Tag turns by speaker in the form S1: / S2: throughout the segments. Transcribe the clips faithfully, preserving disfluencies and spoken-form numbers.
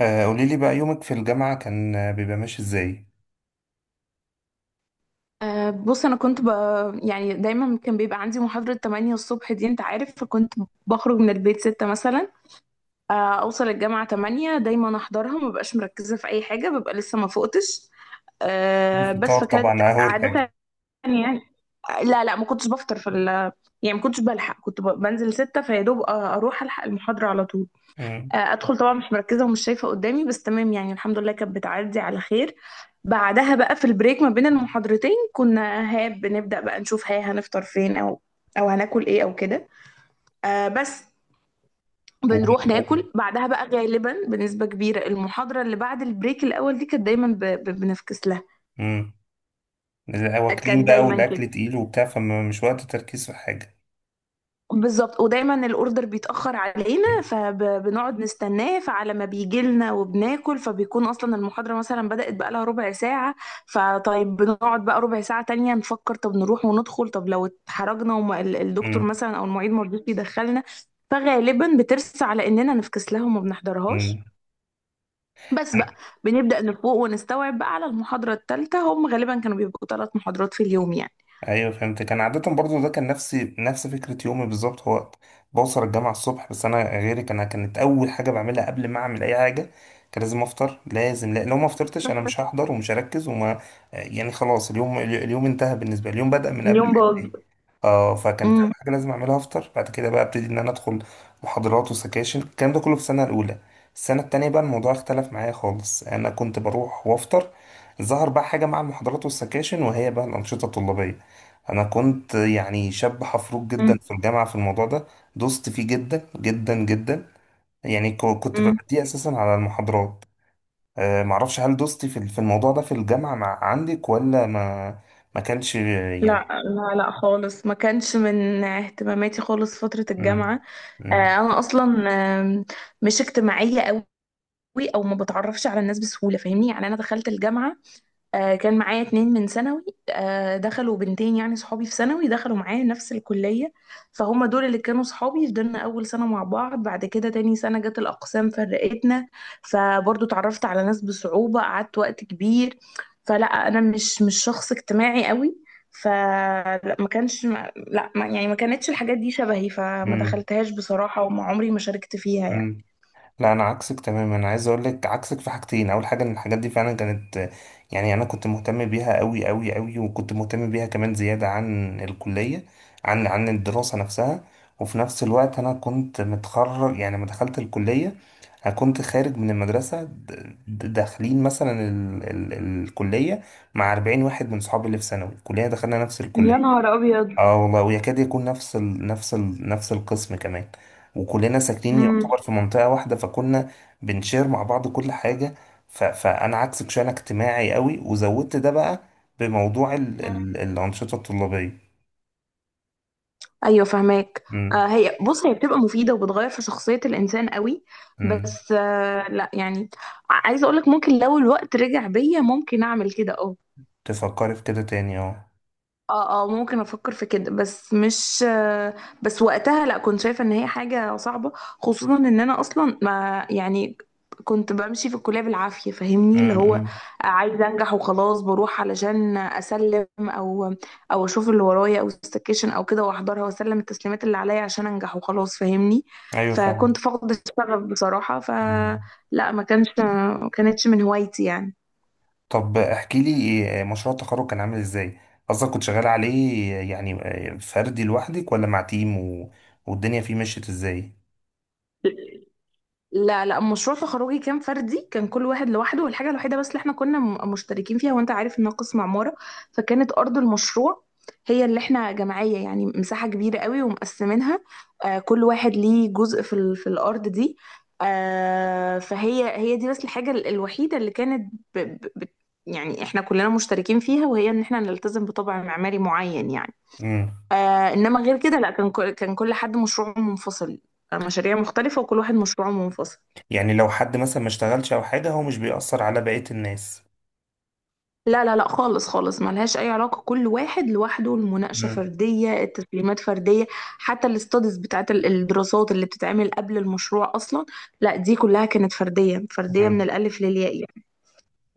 S1: آه، قولي لي بقى يومك في الجامعة كان آه، بيبقى ماشي ازاي؟
S2: أه بص، انا كنت ب... يعني دايما كان بيبقى عندي محاضرة ثمانية الصبح، دي انت عارف، فكنت بخرج من البيت ستة مثلا. أه اوصل الجامعة ثمانية، دايما احضرها، ما ببقاش مركزة في اي حاجة، ببقى لسه ما فقتش. أه بس
S1: الفطار
S2: فكانت
S1: طبعا أول حاجة.
S2: عادة، يعني. آه، لا، لا، ما كنتش بفطر في ال... يعني ما كنتش بلحق، كنت ب... بنزل ستة فيا دوب، أ- اروح الحق المحاضرة على طول.
S1: مم.
S2: آه، ادخل طبعا مش مركزه ومش شايفه قدامي، بس تمام، يعني الحمد لله كانت بتعدي على خير. بعدها بقى في البريك ما بين المحاضرتين، كنا ها بنبدا بقى نشوف ها هنفطر فين او او هناكل ايه او كده. آه بس
S1: و...
S2: بنروح ناكل بعدها بقى، غالبا بنسبه كبيره المحاضره اللي بعد البريك الاول دي كانت دايما ب- ب- بنفكس لها.
S1: مم. واكلين
S2: كان
S1: بقى
S2: دايما كده،
S1: والأكل تقيل وبتاع فمش وقت تركيز في حاجة.
S2: بالظبط. ودايما الاوردر بيتاخر علينا، فبنقعد نستناه، فعلى ما بيجي لنا وبناكل، فبيكون اصلا المحاضره مثلا بدات بقالها ربع ساعه. فطيب بنقعد بقى ربع ساعه تانية نفكر، طب نروح وندخل، طب لو اتحرجنا وما ال- الدكتور
S1: مم.
S2: مثلا او المعيد ما رضيش يدخلنا، فغالبا بترسى على اننا نفكس لها وما بنحضرهاش.
S1: مم.
S2: بس بقى، بنبدا نفوق ونستوعب بقى على المحاضره الثالثه، هم غالبا كانوا بيبقوا ثلاث محاضرات في اليوم، يعني.
S1: ايوه فهمت، كان عادة برضو ده كان نفسي نفس فكرة يومي بالظبط، هو بوصل الجامعة الصبح، بس انا غيرك، انا كانت اول حاجة بعملها قبل ما اعمل اي حاجة. كان لازم افطر، لازم. لا لو ما فطرتش انا مش هحضر ومش هركز وما يعني خلاص، اليوم اليوم انتهى بالنسبة لي، اليوم بدأ من قبل ما
S2: اليوم باظ.
S1: ينتهي. اه فكانت اول حاجة لازم اعملها افطر. بعد كده بقى ابتدي ان انا ادخل محاضرات وسكاشن، الكلام ده كله في السنة الاولى. السنة التانية بقى الموضوع اختلف معايا خالص، انا كنت بروح وافطر. ظهر بقى حاجة مع المحاضرات والسكاشن، وهي بقى الأنشطة الطلابية. انا كنت يعني شاب حفروك جدا في الجامعه في الموضوع ده. دوست فيه جدا جدا جدا. يعني ك- كنت
S2: امم
S1: ببديه اساسا على المحاضرات. أه معرفش هل دوستي في ال- في الموضوع ده في الجامعه مع عندك ولا ما، ما كانش يعني.
S2: لا، لا، لا، خالص، ما كانش من اهتماماتي خالص فترة
S1: امم.
S2: الجامعة. آه، انا اصلا آم، مش اجتماعية قوي، او ما بتعرفش على الناس بسهولة، فاهمني. يعني انا دخلت الجامعة، آه، كان معايا اتنين من ثانوي، آه، دخلوا بنتين، يعني صحابي في ثانوي دخلوا معايا نفس الكلية، فهم دول اللي كانوا صحابي. فضلنا أول سنة مع بعض، بعد كده تاني سنة جت الأقسام فرقتنا، فبرضو اتعرفت على ناس بصعوبة، قعدت وقت كبير. فلا، أنا مش مش شخص اجتماعي قوي. فلا ما كانش ما- لا ما، يعني ما كانتش الحاجات دي شبهي، فما
S1: امم.
S2: دخلتهاش بصراحة، وما عمري ما شاركت فيها، يعني.
S1: لا، انا عكسك تماما. انا عايز اقول لك عكسك في حاجتين. اول حاجه ان الحاجات دي فعلا كانت، يعني انا كنت مهتم بيها قوي قوي قوي، وكنت مهتم بيها كمان زياده عن الكليه، عن عن الدراسه نفسها. وفي نفس الوقت انا كنت متخرج، يعني لما دخلت الكليه انا كنت خارج من المدرسه. د- د- داخلين مثلا ال ال الكليه مع أربعين واحد من صحابي اللي في ثانوي، الكليه دخلنا نفس
S2: يا
S1: الكليه.
S2: نهار ابيض.
S1: اه والله، ويكاد يكون نفس ال... نفس ال... نفس القسم كمان، وكلنا ساكنين
S2: امم،
S1: يعتبر في منطقة واحدة، فكنا بنشير مع بعض كل حاجة. ف... فأنا عكسك شوية، أنا اجتماعي قوي، وزودت ده بقى بموضوع ال... ال... الأنشطة الطلابية.
S2: ايوه فهماك.
S1: امم.
S2: آه هي، بص هي بتبقى مفيده وبتغير في شخصيه الانسان قوي،
S1: امم.
S2: بس آه لا يعني عايزه اقول لك ممكن لو الوقت رجع بيا ممكن اعمل كده، اه.
S1: تفكري في كده تاني، اه.
S2: اه، اه، ممكن افكر في كده، بس مش آه، بس وقتها لا، كنت شايفه ان هي حاجه صعبه، خصوصا ان انا اصلا، ما يعني، كنت بمشي في الكليه بالعافيه، فاهمني، اللي
S1: امم.
S2: هو
S1: أمم.
S2: عايزه انجح وخلاص، بروح علشان اسلم او او اشوف اللي ورايا او السكشن او كده، واحضرها واسلم التسليمات اللي عليا عشان انجح وخلاص، فاهمني.
S1: أيوه فاهم.
S2: فكنت فاقده الشغف بصراحه،
S1: أمم.
S2: فلا ما كانش، ما كانتش من هوايتي، يعني.
S1: طب احكي لي، آه، مشروع التخرج كان عامل ازاي؟ قصدك كنت شغال عليه يعني، آه، فردي لوحدك ولا مع تيم و... والدنيا فيه مشيت ازاي؟
S2: لا، لا مشروع تخرجي كان فردي، كان كل واحد لوحده. والحاجة الوحيدة بس اللي احنا كنا م- مشتركين فيها، وانت عارف انها قسم عمارة، فكانت أرض المشروع هي اللي احنا جمعية، يعني مساحة كبيرة قوي ومقسمينها، آه كل واحد ليه جزء في, ال... في الأرض دي. آه فهي، هي دي بس الحاجة ال- الوحيدة اللي كانت ب... ب... ب... يعني احنا كلنا مشتركين فيها، وهي ان احنا نلتزم بطبع معماري معين، يعني.
S1: امم.
S2: آه انما غير كده، لا كان كل... كان كل حد مشروعه منفصل، آه، مشاريع مختلفة، وكل واحد مشروعه منفصل.
S1: يعني لو حد مثلا ما اشتغلش او حاجه هو مش بيأثر على بقيه الناس.
S2: لا، لا، لا، خالص، خالص، ملهاش اي علاقه. كل واحد لوحده، المناقشه
S1: مم.
S2: فرديه، التسليمات فرديه. حتى الاستاديز بتاعت ال- الدراسات اللي بتتعمل قبل المشروع اصلا، لا دي كلها كانت فرديه، فرديه من
S1: مم.
S2: الالف للياء، يعني.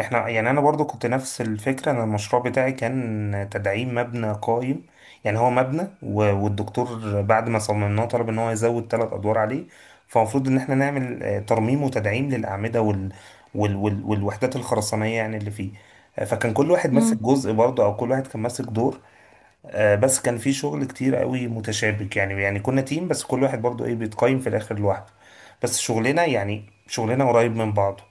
S1: احنا يعني انا برضو كنت نفس الفكره، انا المشروع بتاعي كان تدعيم مبنى قايم. يعني هو مبنى و- والدكتور بعد ما صممناه طلب ان هو يزود ثلاث ادوار عليه. فالمفروض ان احنا نعمل آه، ترميم وتدعيم للاعمده وال وال وال والوحدات الخرسانيه يعني اللي فيه. آه، فكان كل واحد ماسك
S2: مم.
S1: جزء برضه، او كل واحد كان ماسك دور. آه، بس كان في شغل كتير قوي متشابك، يعني يعني كنا تيم بس كل واحد برضو ايه بيتقيم في الاخر لوحده. بس شغلنا يعني شغلنا قريب من بعضه.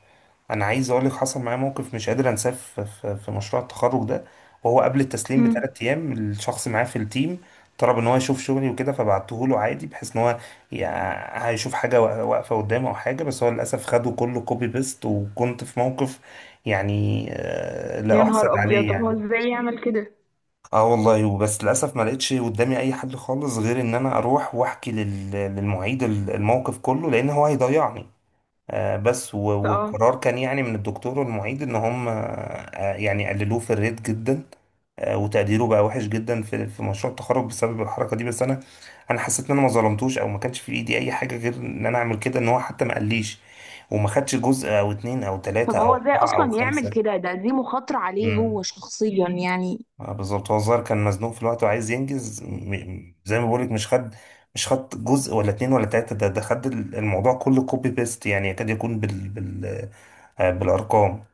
S1: انا عايز اقول لك حصل معايا موقف مش قادر انساه في في- في مشروع التخرج ده. وهو قبل التسليم
S2: مم.
S1: بثلاث ايام، الشخص معاه في التيم طلب ان هو يشوف شغلي وكده، فبعته له عادي بحيث ان هو يع- هيشوف حاجه وا- واقفه قدامه او حاجه. بس هو للاسف خده كله كوبي بيست، وكنت في موقف يعني آه، لا
S2: يا نهار
S1: احسد
S2: ابيض،
S1: عليه
S2: طب هو
S1: يعني.
S2: ازاي يعمل كده؟
S1: اه والله، وبس للاسف ما لقيتش قدامي اي حل خالص غير ان انا اروح واحكي لل- للمعيد ال- الموقف كله، لان هو هيضيعني. آه بس و-
S2: اه،
S1: والقرار كان يعني من الدكتور والمعيد ان هم آه يعني قللوه في الريت جدا. آه وتقديره بقى وحش جدا في في مشروع التخرج بسبب الحركه دي، بس انا انا حسيت ان انا ما ظلمتوش، او ما كانش في ايدي اي حاجه غير ان انا اعمل كده، ان هو حتى ما قاليش وما خدش جزء او اتنين او تلاته
S2: طب هو
S1: او
S2: ازاي
S1: اربعه او
S2: اصلا يعمل
S1: خمسه.
S2: كده؟ ده دي مخاطره عليه هو
S1: مم.
S2: شخصيا، يعني.
S1: آه، بالظبط. هو الظاهر كان مزنوق في الوقت وعايز ينجز، م- زي ما بقولك مش خد مش خد جزء ولا اتنين ولا تلاتة. ده ده خد الموضوع كله كوبي بيست، يعني يكاد يكون بال بال آه، بالأرقام.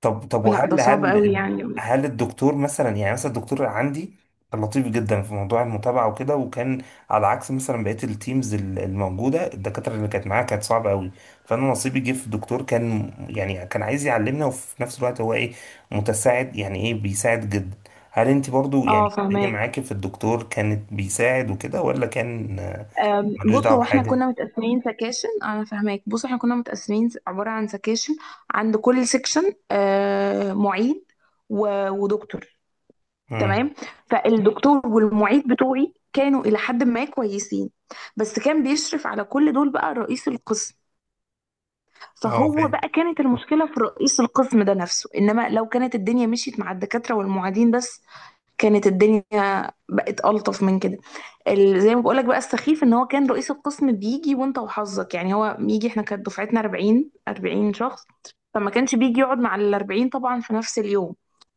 S1: طب طب
S2: لا ده
S1: وهل
S2: صعب قوي،
S1: هل
S2: يعني.
S1: هل الدكتور مثلا، يعني مثلا الدكتور عندي كان لطيف جدا في موضوع المتابعة وكده، وكان على عكس مثلا بقية التيمز ال- الموجودة، الدكاترة اللي كانت معايا كانت صعبة قوي. فأنا نصيبي جه في الدكتور، كان يعني كان عايز يعلمنا، وفي نفس الوقت هو ايه متساعد، يعني ايه بيساعد جدا. هل انت برضو
S2: اه
S1: يعني الدنيا
S2: فهماك.
S1: معاكي في الدكتور كانت بيساعد وكده، ولا كان آه،
S2: أم،
S1: ملوش
S2: بص،
S1: دعوة
S2: هو احنا
S1: بحاجة؟
S2: كنا متقسمين سكاشن، انا فاهماك، بص احنا كنا متقسمين س- عبارة عن سكاشن، عند كل سكشن آه، معيد و- ودكتور،
S1: امم.
S2: تمام. فالدكتور والمعيد بتوعي كانوا الى حد ما كويسين، بس كان بيشرف على كل دول بقى رئيس القسم.
S1: اه
S2: فهو
S1: فاهم.
S2: بقى، كانت المشكلة في رئيس القسم ده نفسه. انما لو كانت الدنيا مشيت مع الدكاترة والمعيدين بس، كانت الدنيا بقت ألطف من كده. ال- زي ما بقولك بقى، السخيف ان هو كان رئيس القسم بيجي وانت وحظك. يعني هو بيجي، احنا كانت دفعتنا أربعين أربعين شخص، فما كانش بيجي يقعد مع ال الأربعين طبعا في نفس اليوم،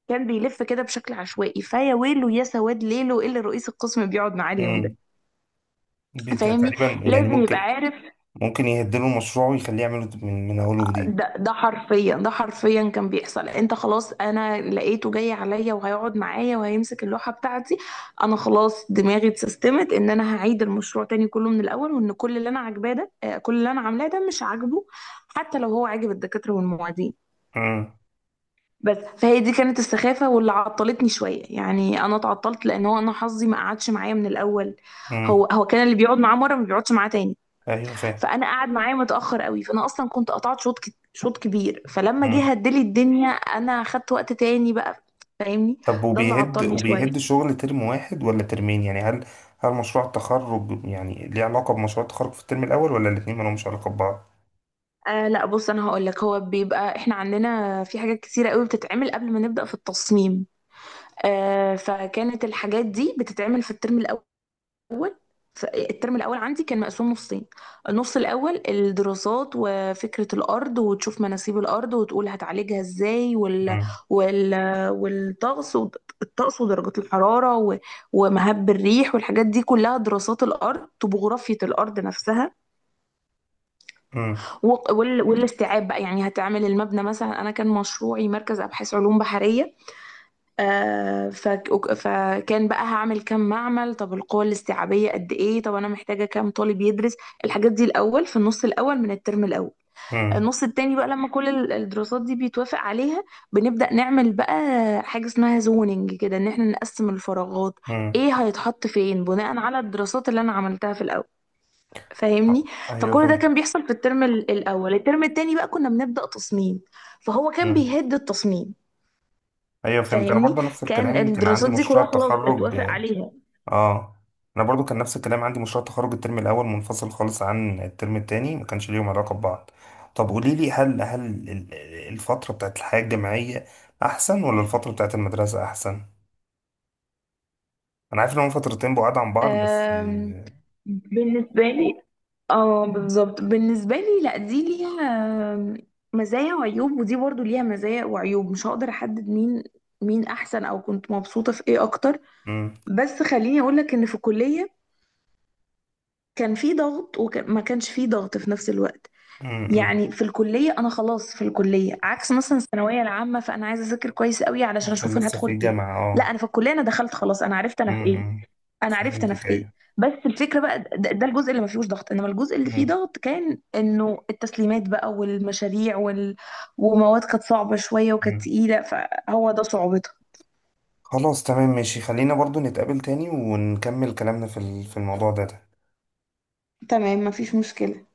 S2: كان بيلف كده بشكل عشوائي، فيا ويله يا سواد ليله اللي رئيس القسم بيقعد معاه اليوم ده،
S1: امم. بت-
S2: فاهمني،
S1: تقريبا يعني
S2: لازم يبقى
S1: ممكن،
S2: عارف.
S1: ممكن يهدله المشروع ويخليه يعمله من من أوله جديد.
S2: ده ده حرفيا، ده حرفيا كان بيحصل. انت خلاص، انا لقيته جاي عليا وهيقعد معايا وهيمسك اللوحة بتاعتي، انا خلاص دماغي اتسيستمت ان انا هعيد المشروع تاني كله من الاول، وان كل اللي انا عاجباه ده، آه، كل اللي انا عاملاه ده مش عاجبه، حتى لو هو عاجب الدكاترة والمعيدين.
S1: امم.
S2: بس، فهي دي كانت السخافة واللي عطلتني شوية، يعني انا اتعطلت لان هو انا حظي ما قعدش معايا من الاول.
S1: امم.
S2: هو هو كان اللي بيقعد معاه مرة ما بيقعدش معاه تاني،
S1: أيوه فاهم.
S2: فانا قاعد معايا متاخر قوي، فانا اصلا كنت قطعت شوط ك- شوط كبير، فلما جه
S1: امم.
S2: هدلي الدنيا انا خدت وقت تاني بقى، فاهمني،
S1: طب
S2: ده اللي
S1: وبيهد
S2: عطلني
S1: وبيهد
S2: شويه.
S1: شغل ترم واحد ولا ترمين، يعني هل هل مشروع التخرج يعني ليه علاقة بمشروع التخرج في الترم الأول ولا الاتنين مالهمش علاقة ببعض؟
S2: آه لا بص انا هقول لك، هو بيبقى احنا عندنا في حاجات كتيره قوي بتتعمل قبل ما نبدا في التصميم، آه فكانت الحاجات دي بتتعمل في الترم الاول، الاول ف- الترم الاول عندي كان مقسوم نصين. النص الاول الدراسات، وفكره الارض، وتشوف مناسيب الارض وتقول هتعالجها ازاي، وال
S1: امم.
S2: وال والطقس ود- الطقس ودرجات الحراره، و- ومهب الريح والحاجات دي كلها، دراسات الارض، طبوغرافيه الارض نفسها
S1: امم.
S2: و- وال- والاستيعاب بقى. يعني هتعمل المبنى مثلا، انا كان مشروعي مركز ابحاث علوم بحريه. آه، فك- وك- فكان بقى هعمل كام معمل، طب القوة الاستيعابية قد ايه، طب انا محتاجة كام طالب يدرس، الحاجات دي الاول في النص الاول من الترم الاول.
S1: امم.
S2: النص التاني بقى، لما كل ال- الدراسات دي بيتوافق عليها، بنبدأ نعمل بقى حاجة اسمها زوننج كده، ان احنا نقسم الفراغات،
S1: امم.
S2: ايه هيتحط فين بناء على الدراسات اللي انا عملتها في الاول، فاهمني.
S1: أيوه
S2: فكل ده
S1: فاهم.
S2: كان بيحصل في الترم ال- الاول. الترم التاني بقى كنا بنبدأ تصميم، فهو كان
S1: امم.
S2: بيهد التصميم،
S1: أيوه فهمت. أنا
S2: فاهمني.
S1: برضه نفس
S2: كان
S1: الكلام كان عندي
S2: الدراسات دي
S1: مشروع
S2: كلها خلاص
S1: التخرج.
S2: اتوافق عليها.
S1: اه. انا برضو كان نفس الكلام عندي مشروع تخرج، الترم الاول منفصل خالص عن الترم التاني، ما كانش ليهم علاقه ببعض. طب قولي لي، هل هل ال- الفتره بتاعت الحياه الجامعيه احسن ولا الفتره بتاعت المدرسه احسن؟ انا عارف ان هم فترتين بعاد عن بعض، بس.
S2: آم، بالنسبة لي، اه بالظبط، بالنسبة لي، لا دي ليها آم، مزايا وعيوب، ودي برضو ليها مزايا وعيوب، مش هقدر احدد مين، مين احسن، او كنت مبسوطة في ايه اكتر.
S1: امم.
S2: بس خليني اقولك ان في الكلية كان في ضغط وما كانش في ضغط في نفس الوقت.
S1: امم.
S2: يعني في الكلية، أنا خلاص في الكلية عكس مثلا الثانوية العامة، فأنا عايزة أذاكر كويس قوي علشان
S1: عشان
S2: أشوف أنا
S1: لسه
S2: هدخل
S1: في
S2: إيه.
S1: جامعه،
S2: لا
S1: اه.
S2: أنا في الكلية أنا دخلت خلاص، أنا عرفت أنا في إيه،
S1: امم.
S2: أنا عرفت أنا في
S1: فهمتك،
S2: إيه.
S1: ايوه.
S2: بس الفكرة بقى، ده, ده الجزء اللي ما فيهوش ضغط، إنما الجزء اللي فيه
S1: مم.
S2: ضغط كان إنه التسليمات بقى والمشاريع وال... ومواد كانت صعبة شوية وكانت
S1: مم.
S2: تقيلة، فهو ده صعوبتها.
S1: خلاص تمام ماشي، خلينا برضو نتقابل تاني ونكمل كلامنا في ال- في الموضوع ده.
S2: تمام، ما فيش مشكلة.